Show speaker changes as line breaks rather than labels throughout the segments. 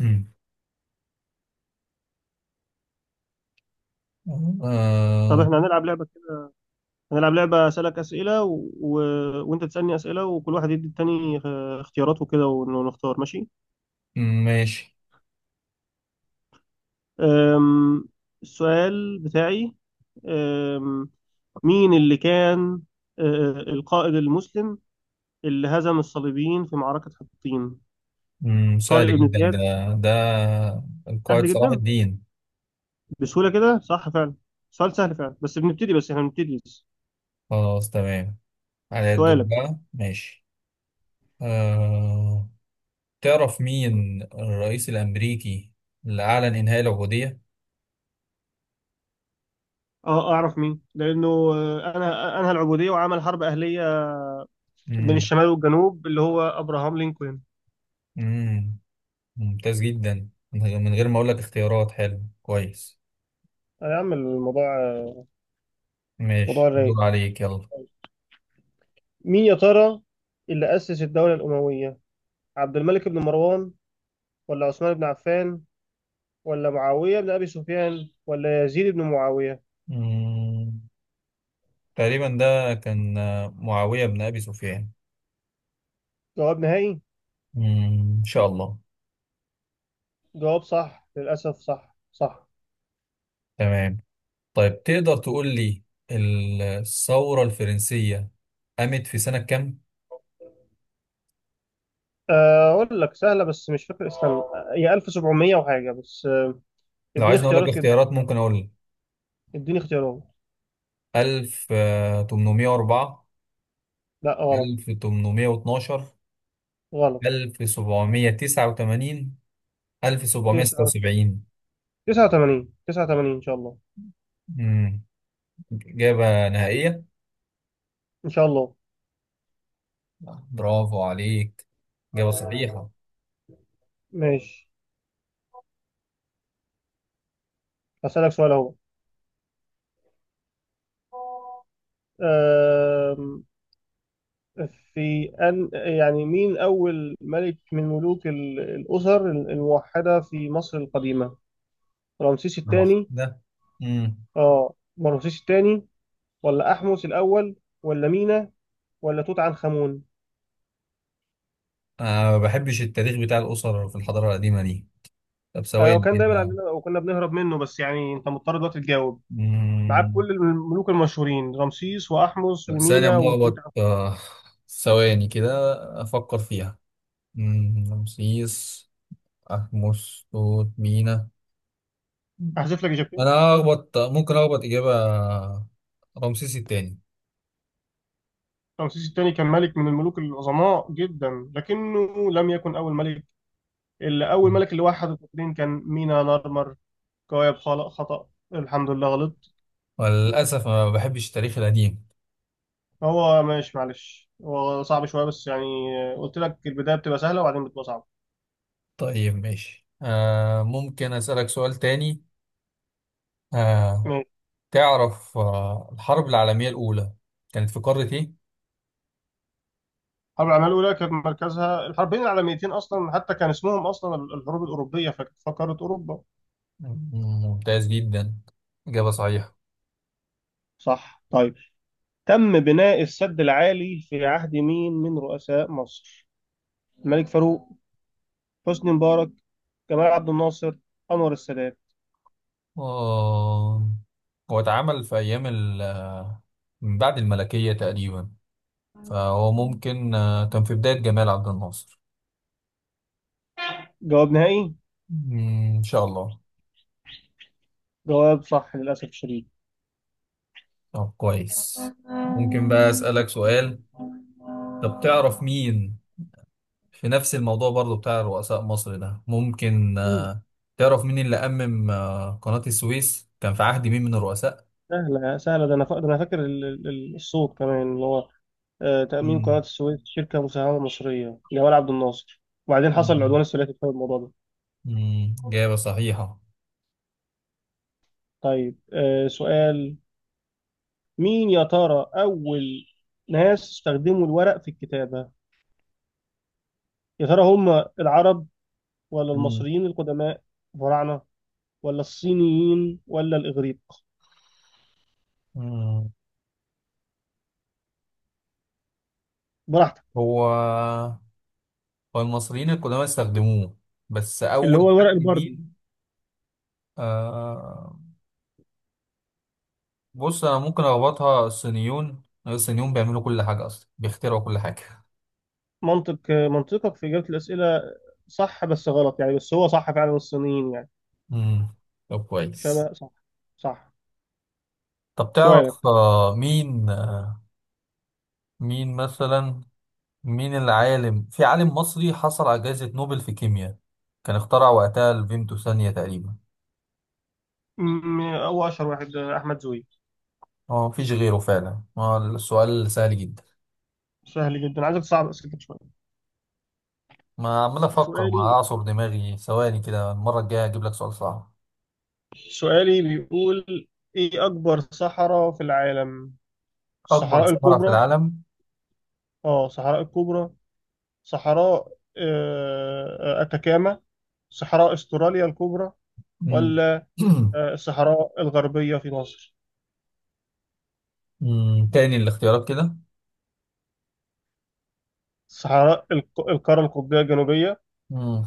مم.
طب
آه.
احنا هنلعب لعبة كده. هنلعب لعبة أسألك أسئلة و... و... وأنت تسألني أسئلة، وكل واحد يدي التاني اختيارات وكده ون- ونختار، ماشي.
ماشي.
أم... السؤال بتاعي. أم... مين اللي كان القائد المسلم اللي هزم الصليبيين في معركة حطين؟
مم. سهل
طارق بن
جدا
زياد.
ده القائد
سهل
صلاح
جدا،
الدين.
بسهولة كده، صح فعلا. سؤال سهل فعلا بس بنبتدي، بس احنا بنبتدي بس.
خلاص تمام. على الدور
سؤالك.
بقى ماشي. آه، تعرف مين الرئيس الأمريكي اللي أعلن إنهاء العبودية؟
اه اعرف مين، لانه انا انهى العبوديه وعمل حرب اهليه بين
مم.
الشمال والجنوب، اللي هو ابراهام لينكولن.
مم. ممتاز جدا، من غير ما أقول لك اختيارات. حلو كويس،
هيعمل الموضوع موضوع
ماشي،
رايق.
الدور عليك يلا.
مين يا ترى اللي اسس الدوله الامويه؟ عبد الملك بن مروان، ولا عثمان بن عفان، ولا معاويه بن ابي سفيان، ولا يزيد بن معاويه؟
مم. تقريبا ده كان معاوية بن أبي سفيان.
جواب نهائي.
مم. إن شاء الله.
جواب صح للاسف، صح صح.
تمام. طيب، تقدر تقول لي الثورة الفرنسية قامت في سنة كام؟
اقول لك سهله بس مش فاكر اسمها، هي 1700 وحاجه بس،
لو
اديني
عايزني أقول لك
اختيارات كده،
الاختيارات، ممكن أقول لك.
اديني اختيارات.
1804،
لا غلط.
1812،
غلط.
1789،
89.
1776.
89 ان شاء الله.
امم إجابة نهائية؟
ان شاء الله.
برافو عليك، إجابة صحيحة.
ماشي، هسألك سؤال اهو. آم، في أن يعني مين أول ملك من ملوك الأسر الموحدة في مصر القديمة؟ رمسيس الثاني،
واحدة. امم
آه، رمسيس الثاني، ولا أحمس الأول، ولا مينا، ولا توت عنخ آمون؟
أنا ما بحبش التاريخ بتاع الأسر في الحضارة القديمة دي. طب
آه،
ثواني
وكان دايما
كده.
عندنا وكنا بنهرب منه، بس يعني أنت مضطر دلوقتي تجاوب. معاك
مم.
كل الملوك المشهورين، رمسيس وأحمس
طب ثانية
ومينا وتوت
ملخبط
عنخ.
آه، ثواني كده، أفكر فيها. رمسيس، أحمس، توت، مينا. مم.
أحذف لك إجابتين.
أنا أخبط، ممكن أخبط إجابة. رمسيس التاني.
رمسيس الثاني كان ملك من الملوك العظماء جدا، لكنه لم يكن أول ملك. اللي اول
مم.
ملك اللي وحد القطرين كان مينا نارمر. كواكب خلق خطأ، الحمد لله. غلط.
وللأسف ما بحبش التاريخ القديم.
هو ماشي، معلش، هو صعب شويه بس يعني قلت لك البدايه بتبقى سهله وبعدين بتبقى صعبه.
طيب ماشي، ممكن أسألك سؤال تاني؟ آه.
ماشي.
تعرف الحرب العالمية الأولى كانت في قارة إيه؟
الحرب العالميه الاولى كانت مركزها الحربين العالميتين اصلا، حتى كان اسمهم اصلا الحروب الاوروبيه، فكانت فقاره اوروبا.
مم، ممتاز جدا، إجابة صحيحة.
صح. طيب، تم بناء السد العالي في عهد مين من رؤساء مصر؟ الملك فاروق، حسني مبارك، جمال عبد الناصر، انور السادات؟
آه هو اتعمل في أيام من بعد الملكية تقريبا، فهو ممكن كان في بداية جمال عبد الناصر.
جواب نهائي.
مم، إن شاء الله.
جواب صح للاسف الشديد.
طب كويس، ممكن بقى أسألك سؤال. طب تعرف مين، في نفس الموضوع برضو بتاع رؤساء مصر ده، ممكن، تعرف مين اللي أمم آه، قناة السويس كان في عهد مين من الرؤساء؟
سهلة سهلة، ده أنا فاكر الصوت كمان اللي هو تأمين قناة
مم.
السويس شركة مساهمة مصرية، جمال عبد الناصر. وبعدين حصل
مم.
العدوان الثلاثي بسبب الموضوع ده.
مم، إجابة صحيحة.
طيب سؤال. مين يا ترى أول ناس استخدموا الورق في الكتابة؟ يا ترى هم العرب، ولا
مم.
المصريين القدماء الفراعنة، ولا الصينيين، ولا الإغريق؟
مم.
براحتك.
هو والمصريين القدامى استخدموه، بس
اللي
أول
هو الورق
حد
البردي.
مين؟ آه، بص أنا ممكن أربطها. الصينيون، الصينيون بيعملوا كل حاجة أصلا، بيخترعوا كل حاجة.
منطق، منطقك في إجابة الأسئلة صح بس غلط، يعني بس هو صح فعلا الصينيين يعني.
مم. طب كويس.
شبه صح. صح.
طب
سؤالك.
تعرف مين مثلا، مين العالم، في عالم مصري حصل على جائزة نوبل في كيمياء، كان اخترع وقتها الفيمتو ثانية تقريبا؟
م- هو اشهر واحد احمد زويل.
اه، مفيش غيره فعلا. السؤال سهل جدا.
سهل جدا، عايزك تصعب اسئلتك شويه.
ما عمال أفكر، ما
سؤالي،
أعصر دماغي. ثواني كده، المرة الجاية هجيب لك سؤال صعب.
سؤالي بيقول ايه اكبر صحراء في العالم؟
أكبر
الصحراء
صحراء في
الكبرى،
العالم.
اه صحراء الكبرى، صحراء اتاكاما، صحراء استراليا الكبرى،
مم.
ولا الصحراء الغربيه في مصر،
مم. تاني الاختيارات كده.
صحراء القاره القطبيه الجنوبيه،
مم.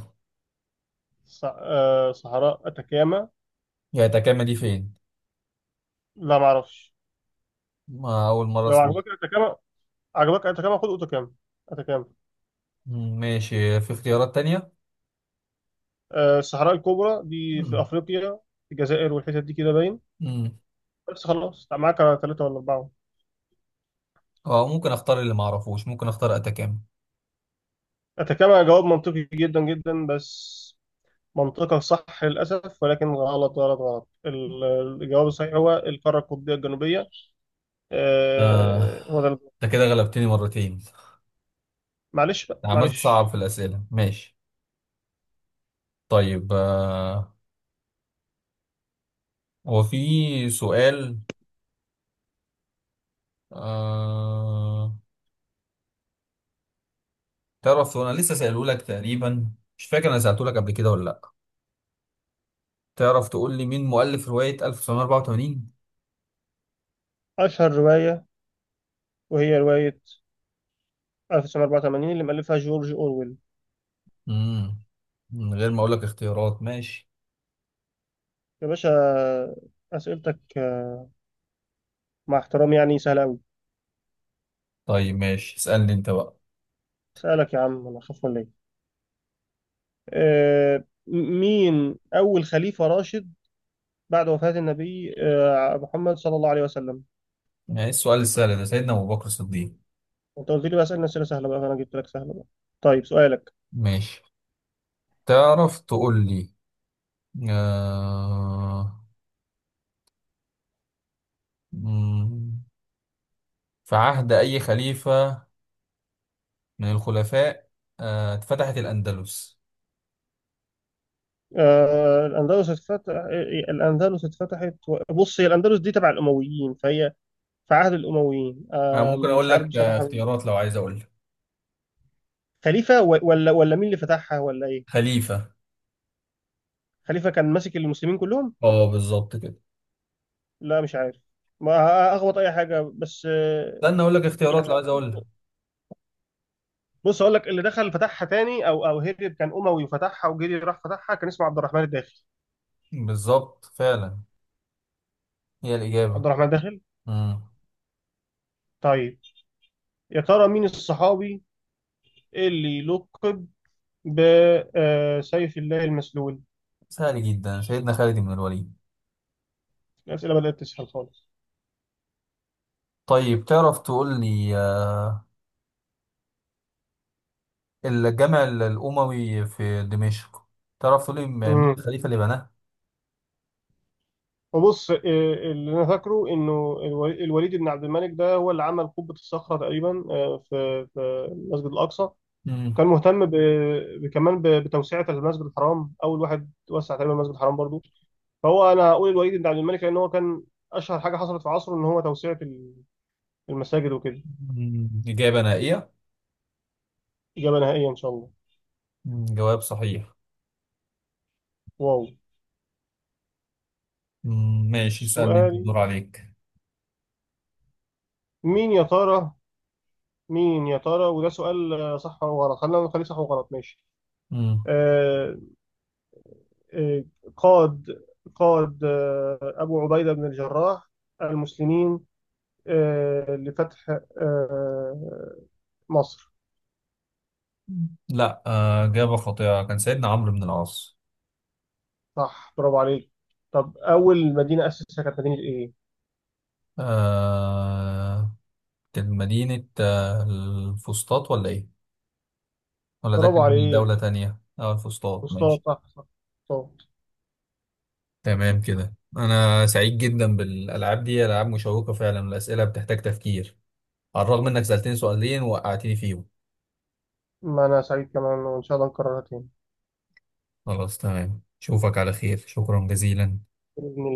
صحراء اتاكاما.
يا تكامة دي فين؟
لا معرفش.
ما أول مرة
لو
أسمع.
عجبك اتاكاما، عجبك اتacama خد اوتاكام، اتacama.
مم. ماشي، في اختيارات تانية.
الصحراء الكبرى دي في
مم.
افريقيا، في الجزائر والحتت دي كده باين.
مم.
بس خلاص، معاك ثلاثة ولا أربعة.
أه، ممكن أختار اللي معرفوش، ممكن أختار أتكامة.
اتacama جواب منطقي جدا جدا بس منطقة صح للأسف، ولكن غلط غلط غلط. الجواب الصحيح هو القارة القطبية الجنوبية،
آه.
هو ده الجواب.
أنت كده غلبتني مرتين،
معلش بقى،
عملت صعب
معلش.
في الأسئلة ماشي. طيب هو في سؤال. آه تعرف، أنا لسه سأله لك تقريبا، مش فاكر أنا سألته لك قبل كده ولا لأ. تعرف تقول لي مين مؤلف رواية 1984؟
أشهر رواية، وهي رواية 1984، اللي مألفها جورج أورويل.
امم من غير ما اقول لك اختيارات، ماشي.
يا باشا، أسئلتك مع احترامي يعني سهلة أوي.
طيب ماشي، اسألني انت بقى.
سألك يا عم؟ أنا أخاف ولا إيه؟ مين أول خليفة راشد بعد وفاة النبي محمد صلى الله عليه وسلم؟
يعني السؤال السهل ده، سيدنا ابو بكر الصديق.
أنت قلت لي بقى أسئلة، أسئلة سهلة بقى، فأنا جبت لك سهلة بقى. طيب سؤالك.
ماشي. تعرف تقول لي آه... مم، في عهد اي خليفة من الخلفاء، اتفتحت الاندلس؟
الأندلس اتفتح، الأندلس اتفتحت، بص هي الأندلس دي تبع الأمويين، فهي في عهد الأمويين،
انا ممكن
مش
اقول
عارف
لك
بصراحة مين.
اختيارات لو عايز اقول لك.
خليفة، ولا مين اللي فتحها، ولا إيه؟
خليفة.
خليفة كان ماسك المسلمين كلهم؟
اه، بالظبط كده.
لا مش عارف، ما أخبط أي حاجة بس،
استنى اقول لك اختيارات
يعني
لو عايز
أظن.
اقول لك.
بص اقول لك، اللي دخل فتحها تاني او هرب كان اموي، وفتحها وجري راح فتحها، كان اسمه عبد الرحمن الداخل.
بالظبط فعلا، هي الاجابة.
عبد الرحمن الداخل.
مم.
طيب يا ترى مين الصحابي اللي لقب بسيف الله المسلول؟
سهل جدا، سيدنا خالد بن الوليد.
الاسئله بدات تسهل خالص.
طيب تعرف تقول لي، الجامع الأموي في دمشق، تعرف تقول لي مين
امم
الخليفة اللي بناه؟
وبص، اللي انا فاكره انه الوليد بن عبد الملك، ده هو اللي عمل قبه الصخره تقريبا، في المسجد الاقصى.
مم.
كان مهتم كمان بتوسعه المسجد الحرام، اول واحد وسع تقريبا المسجد الحرام برضو. فهو انا اقول الوليد بن عبد الملك، لان هو كان اشهر حاجه حصلت في عصره ان هو توسعه المساجد وكده.
مم. إجابة نهائية؟
اجابه نهائيه ان شاء الله.
مم. جواب صحيح.
واو.
مم. ماشي، اسألني أنت
سؤال.
الدور عليك.
مين يا ترى مين يا ترى وده سؤال صح وغلط، خلينا نخليه صح وغلط ماشي.
مم.
آه آه قاد قاد ابو عبيده بن الجراح المسلمين آه لفتح آه مصر.
مم. لا، إجابة خاطئة، كان سيدنا عمرو بن العاص.
صح، برافو عليك. طب اول مدينه اسسها كانت مدينه ايه؟
آه، كانت مدينة الفسطاط ولا إيه؟ ولا ده
برافو
كان
عليك،
دولة تانية؟ أه، الفسطاط،
مصطفى،
ماشي.
صح صح صح.
تمام كده، انا سعيد جدا بالالعاب دي، العاب مشوقه فعلا، الاسئله بتحتاج تفكير. على الرغم انك سالتني سؤالين وقعتني فيهم.
ما أنا سعيد كمان، وإن شاء الله نكررها تاني.
خلاص تمام، اشوفك على خير، شكرا جزيلا.
بإذن